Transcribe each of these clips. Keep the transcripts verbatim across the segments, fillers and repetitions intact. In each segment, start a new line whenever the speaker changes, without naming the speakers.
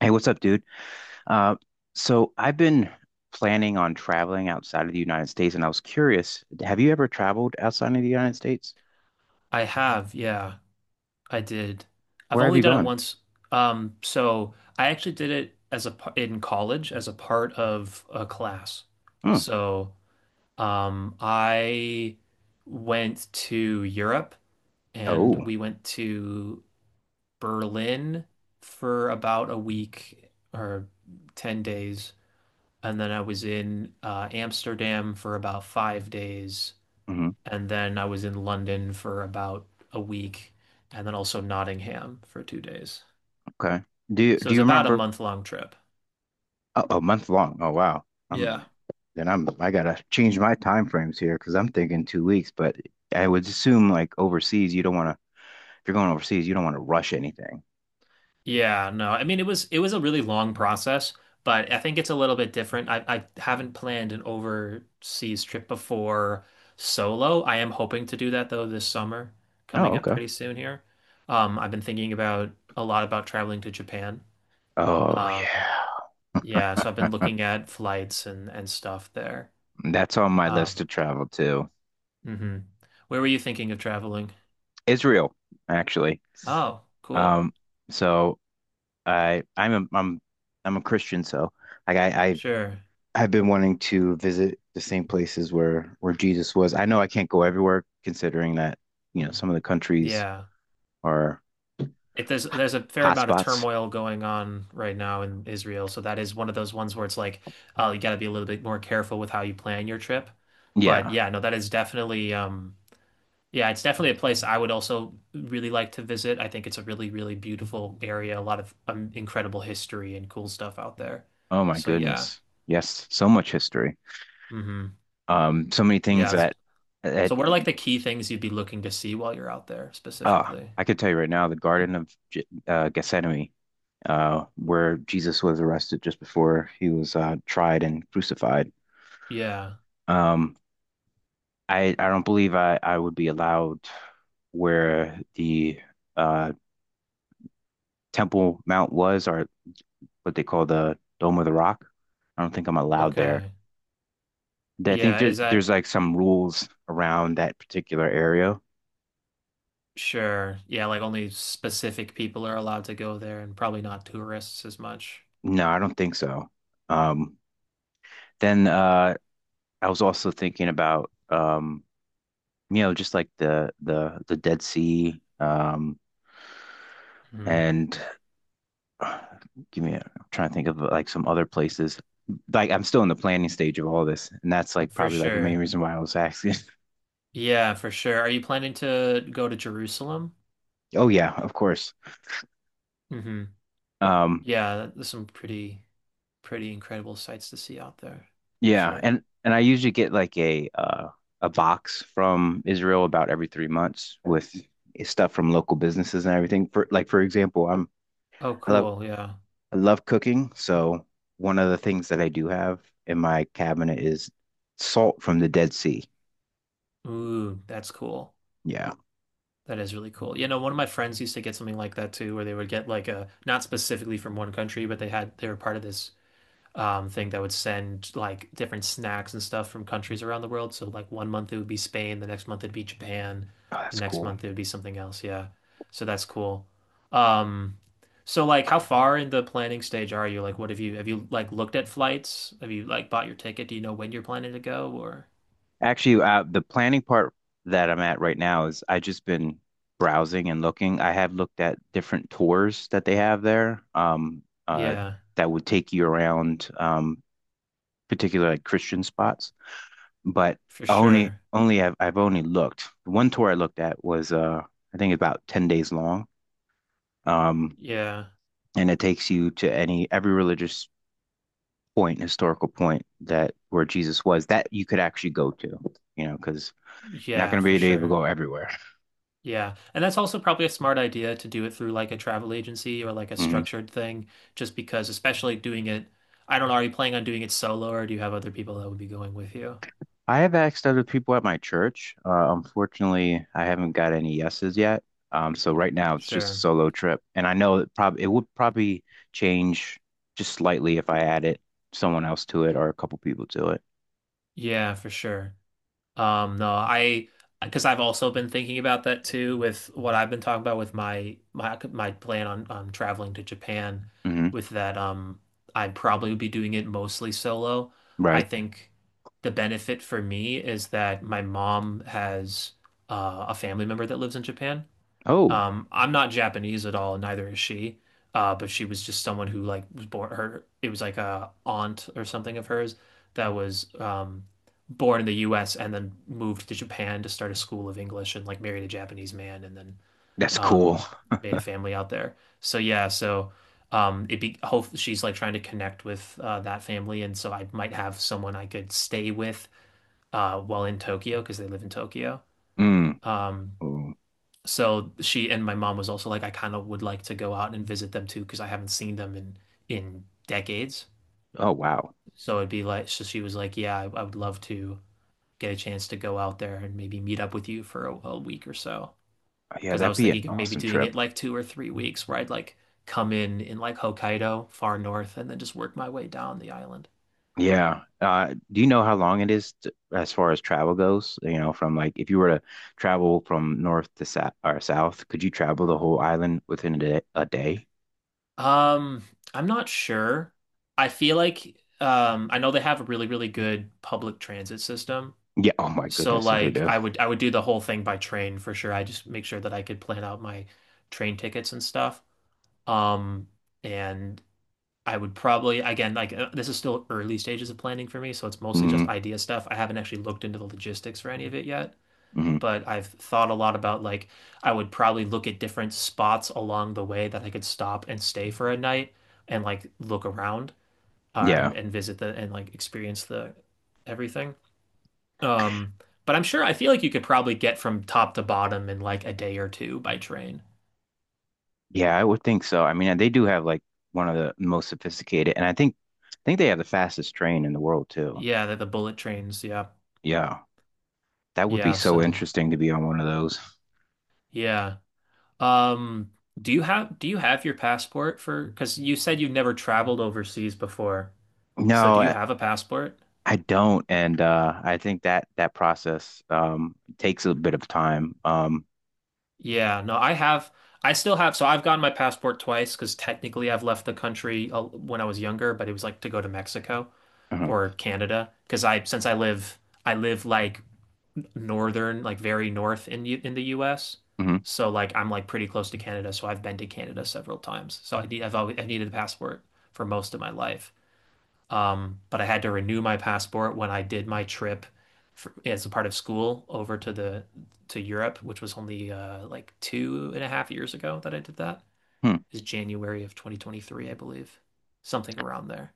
Hey, what's up, dude? Uh, so I've been planning on traveling outside of the United States, and I was curious, have you ever traveled outside of the United States?
I have, yeah, I did. I've
Where have
only
you
done it
gone?
once. Um, so I actually did it as a par- in college as a part of a class.
Hmm.
So um, I went to Europe and
Oh.
we went to Berlin for about a week or ten days. And then I was in uh, Amsterdam for about five days.
Hmm.
And then I was in London for about a week and then also Nottingham for two days.
Okay. Do you,
So it
do
was
you
about a
remember?
month long trip.
Oh, a month long. Oh, wow.
Yeah.
I'm, then I'm I gotta change my time frames here because I'm thinking two weeks, but I would assume like overseas, you don't want to. If you're going overseas, you don't want to rush anything.
Yeah, no. I mean it was it was a really long process, but I think it's a little bit different. I I haven't planned an overseas trip before solo. I am hoping to do that though this summer, coming
Oh,
up
okay.
pretty soon here. Um, I've been thinking about a lot about traveling to Japan.
Oh,
Um, yeah, so I've
yeah.
been looking at flights and and stuff there.
That's on my list
Um,
to travel to.
hmm Where were you thinking of traveling?
Israel, actually.
Oh, cool.
Um, so I I'm a, I'm I'm a Christian, so like I I
Sure.
I've been wanting to visit the same places where where Jesus was. I know I can't go everywhere considering that, you know, some of the countries
Yeah.
are
It, there's there's a fair amount of
hotspots.
turmoil going on right now in Israel, so that is one of those ones where it's like, oh, you got to be a little bit more careful with how you plan your trip. But
Yeah.
yeah, no, that is definitely um yeah, it's definitely a place I would also really like to visit. I think it's a really, really beautiful area, a lot of um, incredible history and cool stuff out there.
Oh my
So yeah.
goodness. Yes, so much history.
Hmm.
Um, so many things
Yeah. Yeah,
that that
so what are like the key things you'd be looking to see while you're out there
uh
specifically?
I could tell you right now, the Garden of Ge- uh, Gethsemane, uh, where Jesus was arrested just before he was uh, tried and crucified.
Yeah.
Um, I I don't believe I I would be allowed where the uh Temple Mount was, or what they call the Dome of the Rock. I don't think I'm allowed there.
Okay.
I think
Yeah,
there
is that
there's like some rules around that particular area.
sure? Yeah, like only specific people are allowed to go there and probably not tourists as much.
No, I don't think so. Um, then uh, I was also thinking about um, you know, just like the the the Dead Sea, um,
Hmm.
and give me a, I'm trying to think of like some other places. Like I'm still in the planning stage of all this, and that's like
For
probably like the main
sure.
reason why I was asking.
Yeah, for sure. Are you planning to go to Jerusalem?
Oh yeah, of course.
Hmm.
Um,
Yeah, there's some pretty pretty incredible sights to see out there.
yeah,
Sure.
and and I usually get like a uh, a box from Israel about every three months with stuff from local businesses and everything. For like, for example, I'm
Oh,
I love
cool. Yeah.
I love cooking, so one of the things that I do have in my cabinet is salt from the Dead Sea.
Ooh, that's cool.
Yeah,
That is really cool. You know, one of my friends used to get something like that too, where they would get like a not specifically from one country, but they had they were part of this um, thing that would send like different snacks and stuff from countries around the world. So like one month it would be Spain, the next month it'd be Japan,
oh,
the
that's
next
cool.
month it would be something else. Yeah, so that's cool. Um, so like, how far in the planning stage are you? Like, what have you have you like looked at flights? Have you like bought your ticket? Do you know when you're planning to go? Or
Actually, uh, the planning part that I'm at right now is I just been browsing and looking. I have looked at different tours that they have there, um, uh,
yeah,
that would take you around, um, particular like Christian spots. But
for
only,
sure.
only I've, I've only looked. One tour I looked at was, uh, I think about ten days long, um,
Yeah,
and it takes you to any every religious point, historical point that where Jesus was that you could actually go to, you know, because you're not
yeah,
going
for
to be able to
sure.
go everywhere.
Yeah. And that's also probably a smart idea to do it through like a travel agency or like a
Mm-hmm.
structured thing, just because, especially doing it, I don't know, are you planning on doing it solo or do you have other people that would be going with you?
I have asked other people at my church. Uh, unfortunately, I haven't got any yeses yet. Um, so right now it's just a
Sure.
solo trip, and I know it probably it would probably change just slightly if I added someone else to it or a couple people to it.
Yeah, for sure. Um, no, I because I've also been thinking about that too with what I've been talking about with my my my plan on um, traveling to Japan
Hmm.
with that um I probably would be doing it mostly solo. I
Right.
think the benefit for me is that my mom has uh, a family member that lives in Japan.
Oh,
Um, I'm not Japanese at all, and neither is she. Uh, but she was just someone who like was born her it was like a aunt or something of hers that was um born in the U S and then moved to Japan to start a school of English and like married a Japanese man and then
that's cool.
um made a family out there. So yeah, so um it be hope she's like trying to connect with uh that family and so I might have someone I could stay with uh while in Tokyo because they live in Tokyo.
Mm.
Um
Oh,
so she, and my mom was also like, I kind of would like to go out and visit them too because I haven't seen them in in decades.
oh, wow.
So it'd be like, so she was like, yeah, I, I would love to get a chance to go out there and maybe meet up with you for a, a week or so.
Yeah,
Because I
that'd
was
be an
thinking of maybe
awesome
doing it
trip.
like two or three weeks where I'd like come in in like Hokkaido, far north, and then just work my way down the island.
Yeah. Uh, do you know how long it is t as far as travel goes? You know, from like if you were to travel from north to south or south, could you travel the whole island within a day, a day?
Um, I'm not sure. I feel like um, I know they have a really, really good public transit system.
Yeah. Oh my
So
goodness, yes, they
like
do.
I would I would do the whole thing by train for sure. I just make sure that I could plan out my train tickets and stuff. Um, and I would probably again like uh, this is still early stages of planning for me, so it's mostly
Hmm.
just idea stuff. I haven't actually looked into the logistics for any of it yet,
Hmm.
but I've thought a lot about like I would probably look at different spots along the way that I could stop and stay for a night and like look around uh, and
Yeah.
and visit the and like experience the everything. Um, but I'm sure I feel like you could probably get from top to bottom in like a day or two by train.
Yeah, I would think so. I mean, they do have like one of the most sophisticated, and I think I think they have the fastest train in the world too.
Yeah, the, the bullet trains. Yeah.
Yeah. That would be
Yeah,
so
so
interesting to be on one of those.
yeah. Um, do you have do you have your passport for because you said you've never traveled overseas before. So do
No,
you have a passport?
I don't, and uh, I think that that process um, takes a bit of time. Um,
Yeah, no, I have I still have, so I've gotten my passport twice because technically I've left the country uh, when I was younger, but it was like to go to Mexico
mhm,
or Canada because I since I live I live like northern, like very north in U- in the U S.
mhm,
So like I'm like pretty close to Canada, so I've been to Canada several times. So I need, I've always I've needed a passport for most of my life. Um, but I had to renew my passport when I did my trip for, as a part of school over to the to Europe, which was only uh like two and a half years ago that I did that.
hmm.
It's January of twenty twenty-three, I believe. Something around there.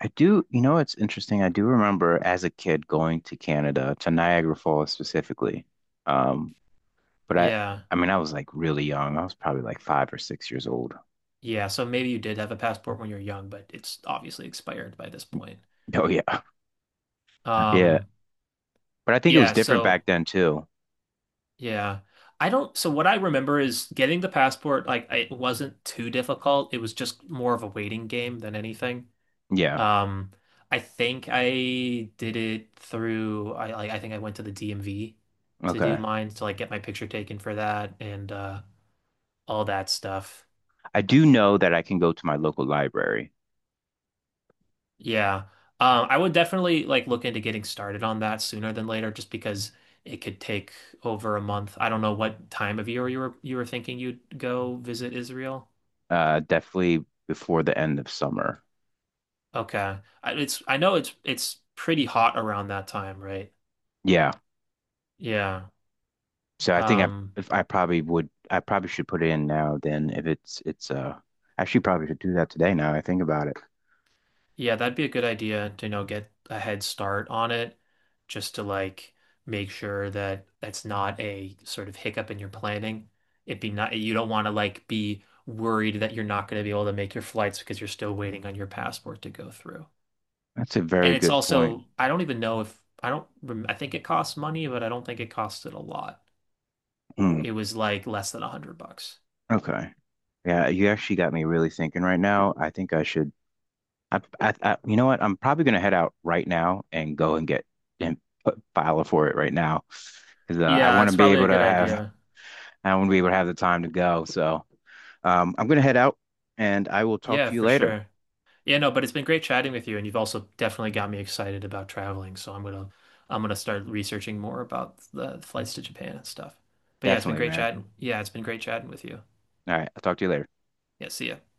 I do, you know, It's interesting. I do remember as a kid going to Canada, to Niagara Falls specifically. Um, but I,
Yeah.
I mean, I was like really young. I was probably like five or six years old.
Yeah, so maybe you did have a passport when you were young, but it's obviously expired by this point.
Oh yeah, yeah.
Um,
But I think it
Yeah,
was different
so
back then too.
yeah. I don't, so what I remember is getting the passport like I- it wasn't too difficult. It was just more of a waiting game than anything.
Yeah.
Um I think I did it through I like I think I went to the D M V to do
Okay.
mine to like get my picture taken for that and uh all that stuff.
I do know that I can go to my local library.
Yeah. Um, I would definitely like look into getting started on that sooner than later just because it could take over a month. I don't know what time of year you were you were thinking you'd go visit Israel.
Uh, definitely before the end of summer.
Okay. I, it's I know it's it's pretty hot around that time, right?
Yeah.
Yeah.
So I think I
Um,
if I probably would I probably should put it in now then if it's it's uh actually probably should do that today now I think about it.
yeah, that'd be a good idea to, you know, get a head start on it just to like make sure that that's not a sort of hiccup in your planning. It'd be not, You don't want to like be worried that you're not going to be able to make your flights because you're still waiting on your passport to go through.
That's a very
And it's
good point.
also, I don't even know if, I don't, rem- I think it costs money, but I don't think it costed a lot.
Hmm.
It was like less than a hundred bucks.
Okay. Yeah, you actually got me really thinking right now. I think I should I, I, I You know what? I'm probably gonna head out right now and go and get and put, file for it right now because uh, I
Yeah,
want to
it's
be
probably a
able to
good
have
idea.
I want to be able to have the time to go. So um, I'm gonna head out and I will talk
Yeah,
to you
for
later.
sure. Yeah, no, but it's been great chatting with you, and you've also definitely got me excited about traveling. So I'm gonna I'm gonna start researching more about the flights to Japan and stuff. But yeah, it's been
Definitely,
great
man.
chatting. Yeah, it's been great chatting with you.
All right, I'll talk to you later.
Yeah, see ya.